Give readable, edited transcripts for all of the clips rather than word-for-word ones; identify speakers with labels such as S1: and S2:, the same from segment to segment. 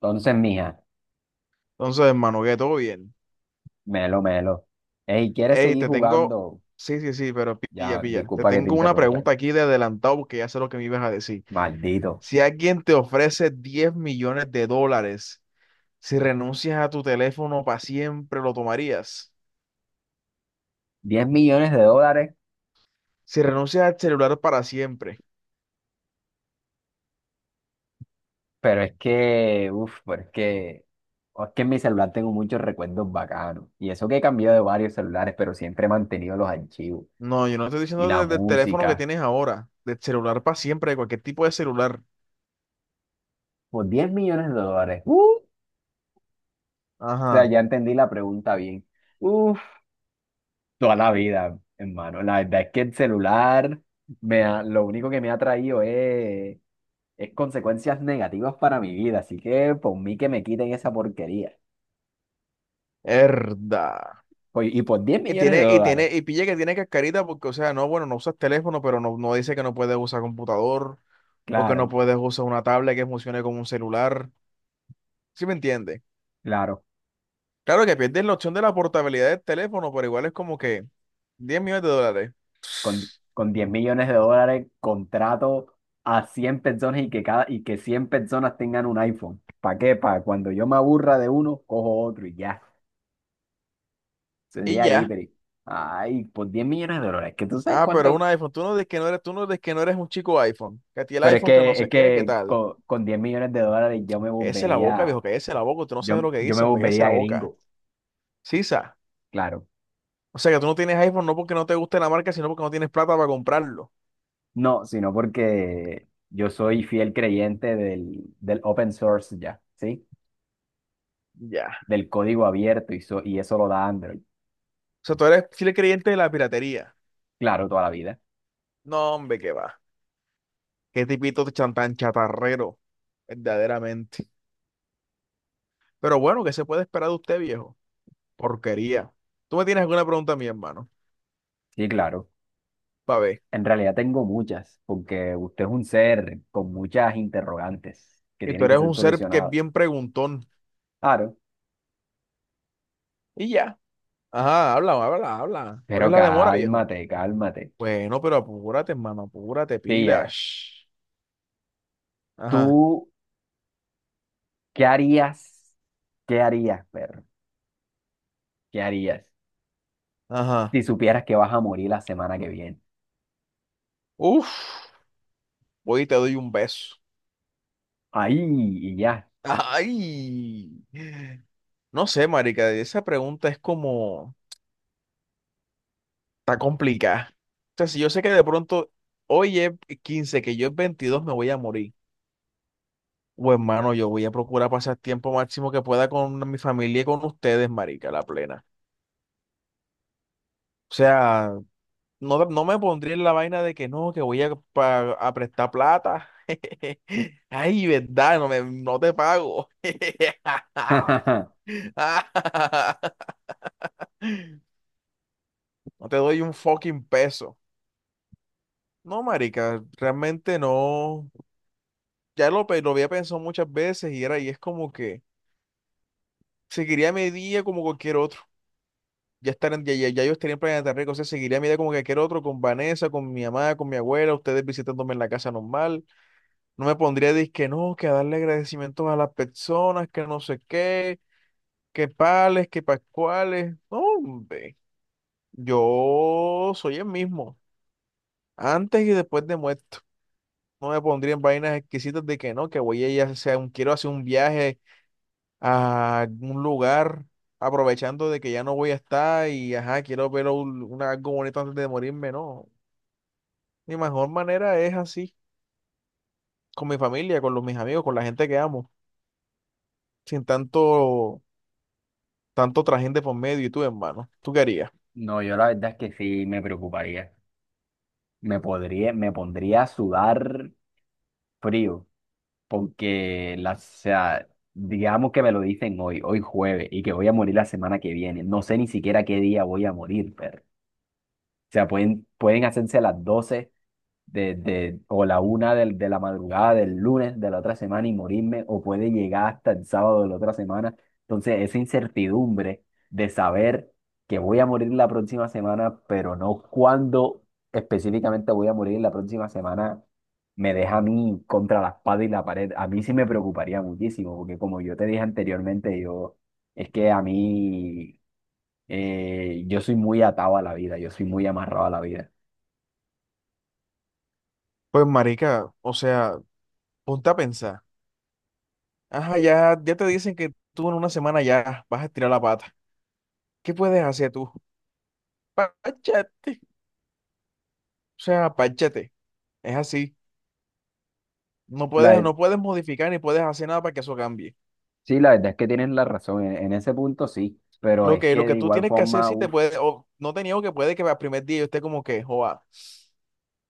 S1: Entonces, mija,
S2: Entonces, hermano, que todo bien.
S1: melo, melo. Ey, ¿quieres
S2: Ey,
S1: seguir
S2: te tengo.
S1: jugando?
S2: Sí, sí, sí, pero pilla,
S1: Ya,
S2: pilla. Te
S1: disculpa que te
S2: tengo una
S1: interrumpa.
S2: pregunta aquí de adelantado porque ya sé lo que me ibas a decir.
S1: Maldito.
S2: Si alguien te ofrece 10 millones de dólares, si renuncias a tu teléfono para siempre, ¿lo tomarías?
S1: 10 millones de dólares,
S2: Si renuncias al celular para siempre.
S1: pero es que, uff, pero es que en mi celular tengo muchos recuerdos bacanos. Y eso que he cambiado de varios celulares, pero siempre he mantenido los archivos
S2: No, yo no estoy
S1: y
S2: diciendo
S1: la
S2: del teléfono que
S1: música.
S2: tienes ahora, del celular para siempre, de cualquier tipo de celular.
S1: Por 10 millones de dólares. O sea,
S2: Ajá,
S1: ya entendí la pregunta bien. Uff, toda la vida, hermano. La verdad es que el celular, lo único que me ha traído es consecuencias negativas para mi vida, así que por mí que me quiten esa porquería.
S2: herda.
S1: Pues, y por 10
S2: Y
S1: millones de
S2: tiene, y
S1: dólares,
S2: tiene, y pilla que tiene cascarita porque, o sea, no, bueno, no usas teléfono, pero no, no dice que no puedes usar computador o que no
S1: claro,
S2: puedes usar una tablet que funcione como un celular. ¿Sí me entiende?
S1: claro,
S2: Claro que pierdes la opción de la portabilidad del teléfono, pero igual es como que 10 millones de dólares.
S1: con 10 millones de dólares contrato a 100 personas y que 100 personas tengan un iPhone. ¿Para qué? Para cuando yo me aburra de uno, cojo otro y ya.
S2: Y
S1: Sería ahí,
S2: ya.
S1: pero. Ay, por 10 millones de dólares, que tú sabes
S2: Ah, pero un
S1: cuánto.
S2: iPhone. Tú no dices que no eres un chico iPhone. Que a ti el
S1: Pero es
S2: iPhone que no
S1: que, es
S2: sé qué, qué
S1: que
S2: tal.
S1: con 10 millones de dólares yo me
S2: Ese la boca,
S1: volvería,
S2: viejo, que ese la boca. Tú no sabes
S1: yo,
S2: lo que
S1: yo me
S2: dice, hombre, que ese la
S1: volvería
S2: boca.
S1: gringo,
S2: Sisa.
S1: claro.
S2: O sea que tú no tienes iPhone no porque no te guste la marca, sino porque no tienes plata para comprarlo.
S1: No, sino porque yo soy fiel creyente del open source ya, ¿sí?
S2: Ya.
S1: Del código abierto y, y eso lo da Android.
S2: O sea, tú eres fiel creyente de la piratería.
S1: Claro, toda la vida.
S2: No, hombre, qué va. Qué tipito tan chatarrero, verdaderamente. Pero bueno, ¿qué se puede esperar de usted, viejo? Porquería. Tú me tienes alguna pregunta a mí, hermano.
S1: Sí, claro.
S2: Pa' ver.
S1: En realidad tengo muchas, porque usted es un ser con muchas interrogantes que
S2: Y tú
S1: tienen que
S2: eres
S1: ser
S2: un ser que es
S1: solucionadas.
S2: bien preguntón.
S1: Claro,
S2: Y ya. Ajá, habla, habla, habla. ¿Cuál es
S1: pero
S2: la demora, viejo?
S1: cálmate, cálmate.
S2: Bueno, pero apúrate, hermano, apúrate,
S1: Pilla,
S2: pilas. Ajá,
S1: ¿tú qué harías? ¿Qué harías, perro? ¿Qué harías
S2: ajá.
S1: si supieras que vas a morir la semana que viene?
S2: Uf, voy y te doy un beso.
S1: Ahí y ya.
S2: Ay. No sé, marica, esa pregunta es como... Está complicada. O sea, si yo sé que de pronto hoy es 15, que yo es 22 me voy a morir. O hermano, yo voy a procurar pasar tiempo máximo que pueda con mi familia y con ustedes, marica, la plena. O sea, no, no me pondría en la vaina de que no, que voy a, a prestar plata. Ay, verdad, no, no te pago. No te doy un fucking peso. No, marica, realmente no. Lo había pensado muchas veces y era, y es como que seguiría mi día como cualquier otro. Ya yo estaría en Planeta Rica, o sea, seguiría mi día como cualquier otro, con Vanessa, con mi mamá, con mi abuela, ustedes visitándome en la casa normal. No me pondría a decir que no, que a darle agradecimientos a las personas, que no sé qué, que pales, que pascuales. No, hombre, yo soy el mismo, antes y después de muerto. No me pondría en vainas exquisitas de que no, que voy a ir a hacer quiero hacer un viaje a un lugar aprovechando de que ya no voy a estar y ajá, quiero ver algo bonito antes de morirme, no. Mi mejor manera es así, con mi familia, con mis amigos, con la gente que amo, sin tanto, tanto trajín de por medio y tú, hermano. ¿Tú qué harías?
S1: No, yo la verdad es que sí me preocuparía. Me pondría a sudar frío, porque o sea, digamos que me lo dicen hoy, hoy jueves, y que voy a morir la semana que viene. No sé ni siquiera qué día voy a morir, pero. O sea, pueden hacerse las 12 o la 1 de la madrugada del lunes de la otra semana y morirme, o puede llegar hasta el sábado de la otra semana. Entonces, esa incertidumbre de saber que voy a morir la próxima semana, pero no cuándo específicamente voy a morir la próxima semana, me deja a mí contra la espada y la pared. A mí sí me preocuparía muchísimo, porque como yo te dije anteriormente, es que a mí, yo soy muy atado a la vida, yo soy muy amarrado a la vida.
S2: Pues marica, o sea, ponte a pensar. Ajá, ya, ya te dicen que tú en una semana ya vas a estirar la pata. ¿Qué puedes hacer tú? Páchate. O sea, páchate. Es así. No
S1: La,
S2: puedes, no puedes modificar ni puedes hacer nada para que eso cambie.
S1: Sí, la verdad es que tienes la razón, en ese punto sí, pero es
S2: Lo
S1: que de
S2: que tú
S1: igual
S2: tienes que hacer,
S1: forma,
S2: si te
S1: uff,
S2: puede, o no te niego que puede que al primer día yo esté como que, joa,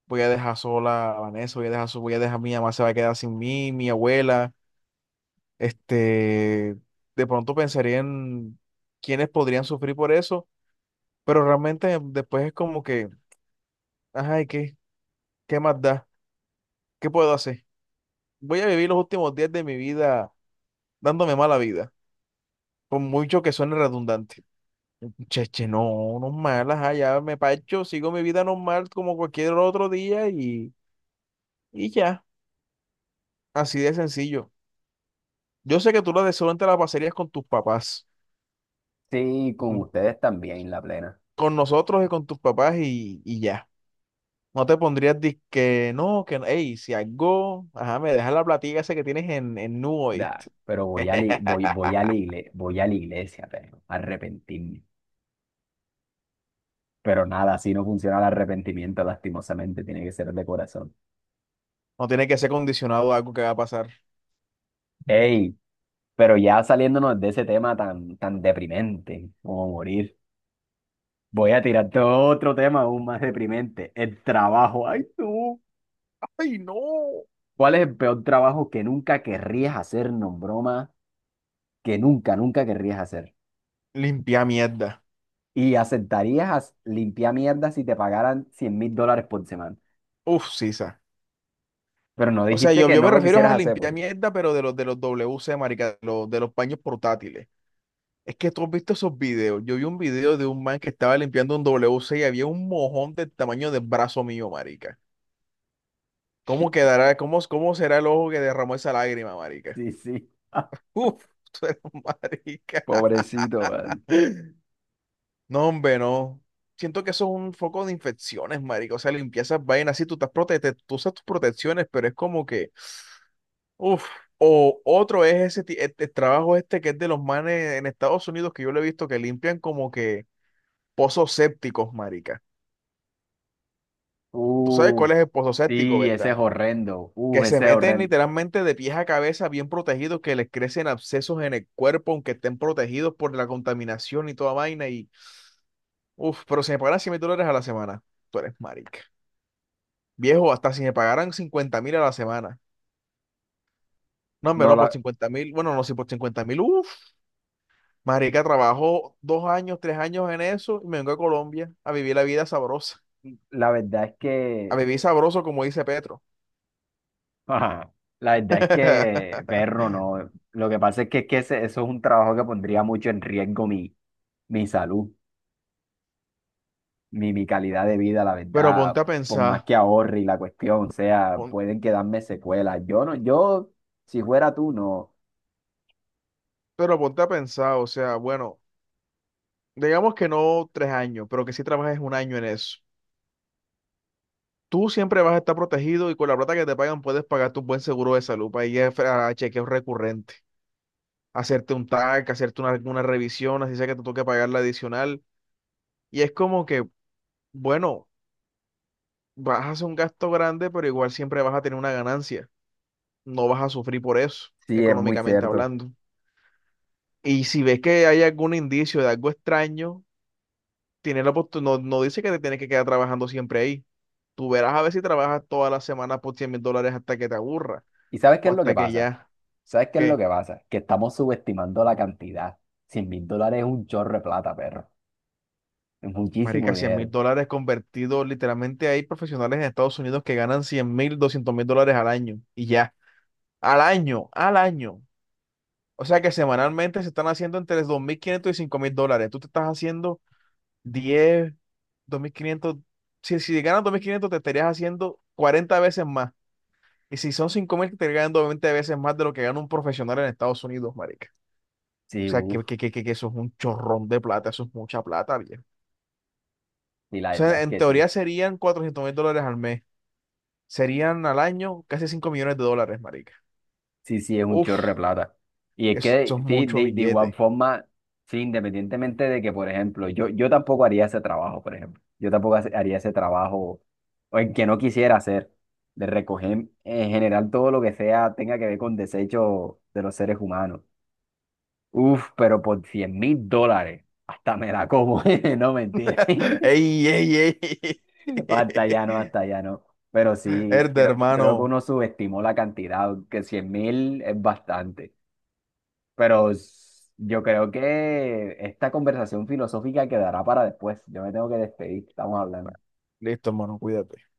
S2: voy a dejar sola a Vanessa, voy a dejar, mi mamá se va a quedar sin mí, mi abuela, este, de pronto pensaría en quiénes podrían sufrir por eso, pero realmente después es como que, ajá, ¿y qué? ¿Qué más da? ¿Qué puedo hacer? Voy a vivir los últimos días de mi vida dándome mala vida, por mucho que suene redundante. Cheche, no, normal, ajá, ya me parcho, sigo mi vida normal como cualquier otro día y ya, así de sencillo. Yo sé que tú lo de seguro te la pasarías con tus papás.
S1: sí, con
S2: Ujú.
S1: ustedes también la plena.
S2: Con nosotros y con tus papás y ya. No te pondrías que no, ey, si algo, ajá, me dejas la platica esa que tienes en Nu,
S1: Da,
S2: ¿oíste?
S1: pero voy a, li- voy, voy a, la igle- voy a la iglesia, pero a arrepentirme. Pero nada, así no funciona el arrepentimiento, lastimosamente, tiene que ser de corazón.
S2: No tiene que ser condicionado a algo que va a pasar.
S1: Ey, pero ya saliéndonos de ese tema tan, tan deprimente como morir, voy a tirarte otro tema aún más deprimente, el trabajo. Ay, tú.
S2: ¡Ay, no!
S1: ¿Cuál es el peor trabajo que nunca querrías hacer, no broma? Que nunca, nunca querrías hacer.
S2: Limpia mierda.
S1: Y aceptarías limpiar mierda si te pagaran 100.000 dólares por semana.
S2: Uf, sisa.
S1: Pero no
S2: O sea,
S1: dijiste que
S2: yo
S1: no
S2: me
S1: lo
S2: refiero
S1: quisieras
S2: a
S1: hacer, pues.
S2: limpiar mierda, pero de los WC, marica, de los paños portátiles. Es que tú has visto esos videos. Yo vi un video de un man que estaba limpiando un WC y había un mojón del tamaño del brazo mío, marica. ¿Cómo quedará? ¿Cómo será el ojo que derramó esa lágrima, marica?
S1: Sí, sí.
S2: Uf, tú eres un marica.
S1: Pobrecito, man.
S2: No, hombre, no. Siento que eso es un foco de infecciones, marica. O sea, limpiar esas vainas. Sí, tú estás tú usas tus protecciones, pero es como que, uf. O otro es ese este trabajo este que es de los manes en Estados Unidos que yo lo he visto que limpian como que pozos sépticos, marica. Tú sabes cuál
S1: Uf,
S2: es el pozo séptico,
S1: sí, ese
S2: ¿verdad?
S1: es horrendo. Uf,
S2: Que se
S1: ese es
S2: meten
S1: horrendo.
S2: literalmente de pies a cabeza bien protegidos, que les crecen abscesos en el cuerpo, aunque estén protegidos por la contaminación y toda vaina. Y, uff, pero si me pagaran 100.000 dólares a la semana, tú eres marica. Viejo, hasta si me pagaran 50.000 a la semana. No, hombre,
S1: No,
S2: no,
S1: la,
S2: por 50.000, bueno, no, si por 50.000, uff, marica, trabajo 2 años, 3 años en eso y me vengo a Colombia a vivir la vida sabrosa.
S1: la verdad es
S2: A
S1: que.
S2: vivir sabroso, como dice Petro.
S1: Ajá, la verdad es que, perro, no. Lo que pasa es que eso es un trabajo que pondría mucho en riesgo mi salud, mi calidad de vida, la
S2: Pero ponte
S1: verdad,
S2: a
S1: por más
S2: pensar,
S1: que ahorre y la cuestión, o sea,
S2: pon-
S1: pueden quedarme secuelas. Yo no, si fuera tú, no.
S2: Pero ponte a pensar, o sea, bueno, digamos que no 3 años, pero que sí trabajes 1 año en eso. Tú siempre vas a estar protegido y con la plata que te pagan puedes pagar tu buen seguro de salud para ir a chequeos recurrentes, hacerte un TAC, hacerte una revisión, así sea que te toque pagar la adicional. Y es como que, bueno, vas a hacer un gasto grande, pero igual siempre vas a tener una ganancia. No vas a sufrir por eso,
S1: Sí, es muy
S2: económicamente
S1: cierto.
S2: hablando. Y si ves que hay algún indicio de algo extraño, no, no dice que te tienes que quedar trabajando siempre ahí. Tú verás a ver si trabajas todas las semanas por 100.000 dólares hasta que te aburra
S1: ¿Y sabes qué
S2: o
S1: es lo
S2: hasta
S1: que
S2: que
S1: pasa?
S2: ya,
S1: ¿Sabes qué es lo
S2: ¿qué?
S1: que pasa? Que estamos subestimando la cantidad. Cien mil dólares es un chorro de plata, perro. Es muchísimo
S2: Marica, cien mil
S1: dinero.
S2: dólares convertidos, literalmente hay profesionales en Estados Unidos que ganan 100.000, 200.000 dólares al año y ya, al año. O sea que semanalmente se están haciendo entre 2.500 y 5.000 dólares. Tú te estás haciendo diez dos mil quinientos si, si ganas 2.500 te estarías haciendo 40 veces más. Y si son 5.000, te ganan 20 veces más de lo que gana un profesional en Estados Unidos, marica. O
S1: Sí,
S2: sea,
S1: uff,
S2: que eso es un chorrón de plata, eso es mucha plata, viejo.
S1: y la
S2: O
S1: verdad
S2: sea,
S1: es
S2: en
S1: que sí.
S2: teoría serían 400.000 dólares al mes. Serían al año casi 5 millones de dólares, marica.
S1: Sí, sí, es un chorro de
S2: Uf,
S1: plata. Y es
S2: eso
S1: que,
S2: es
S1: sí,
S2: mucho
S1: de igual
S2: billete.
S1: forma, sí, independientemente de que, por ejemplo, yo tampoco haría ese trabajo, por ejemplo. Yo tampoco haría ese trabajo, o en que no quisiera hacer, de recoger en general todo lo que sea, tenga que ver con desechos de los seres humanos. Uf, pero por 100.000 dólares, hasta me la como, no mentira.
S2: Ey, ey, ey.
S1: Hasta allá no, hasta allá no. Pero sí,
S2: Erde,
S1: creo que
S2: hermano.
S1: uno subestimó la cantidad, que 100.000 es bastante. Pero yo creo que esta conversación filosófica quedará para después. Yo me tengo que despedir. Estamos hablando.
S2: Listo, hermano, cuídate.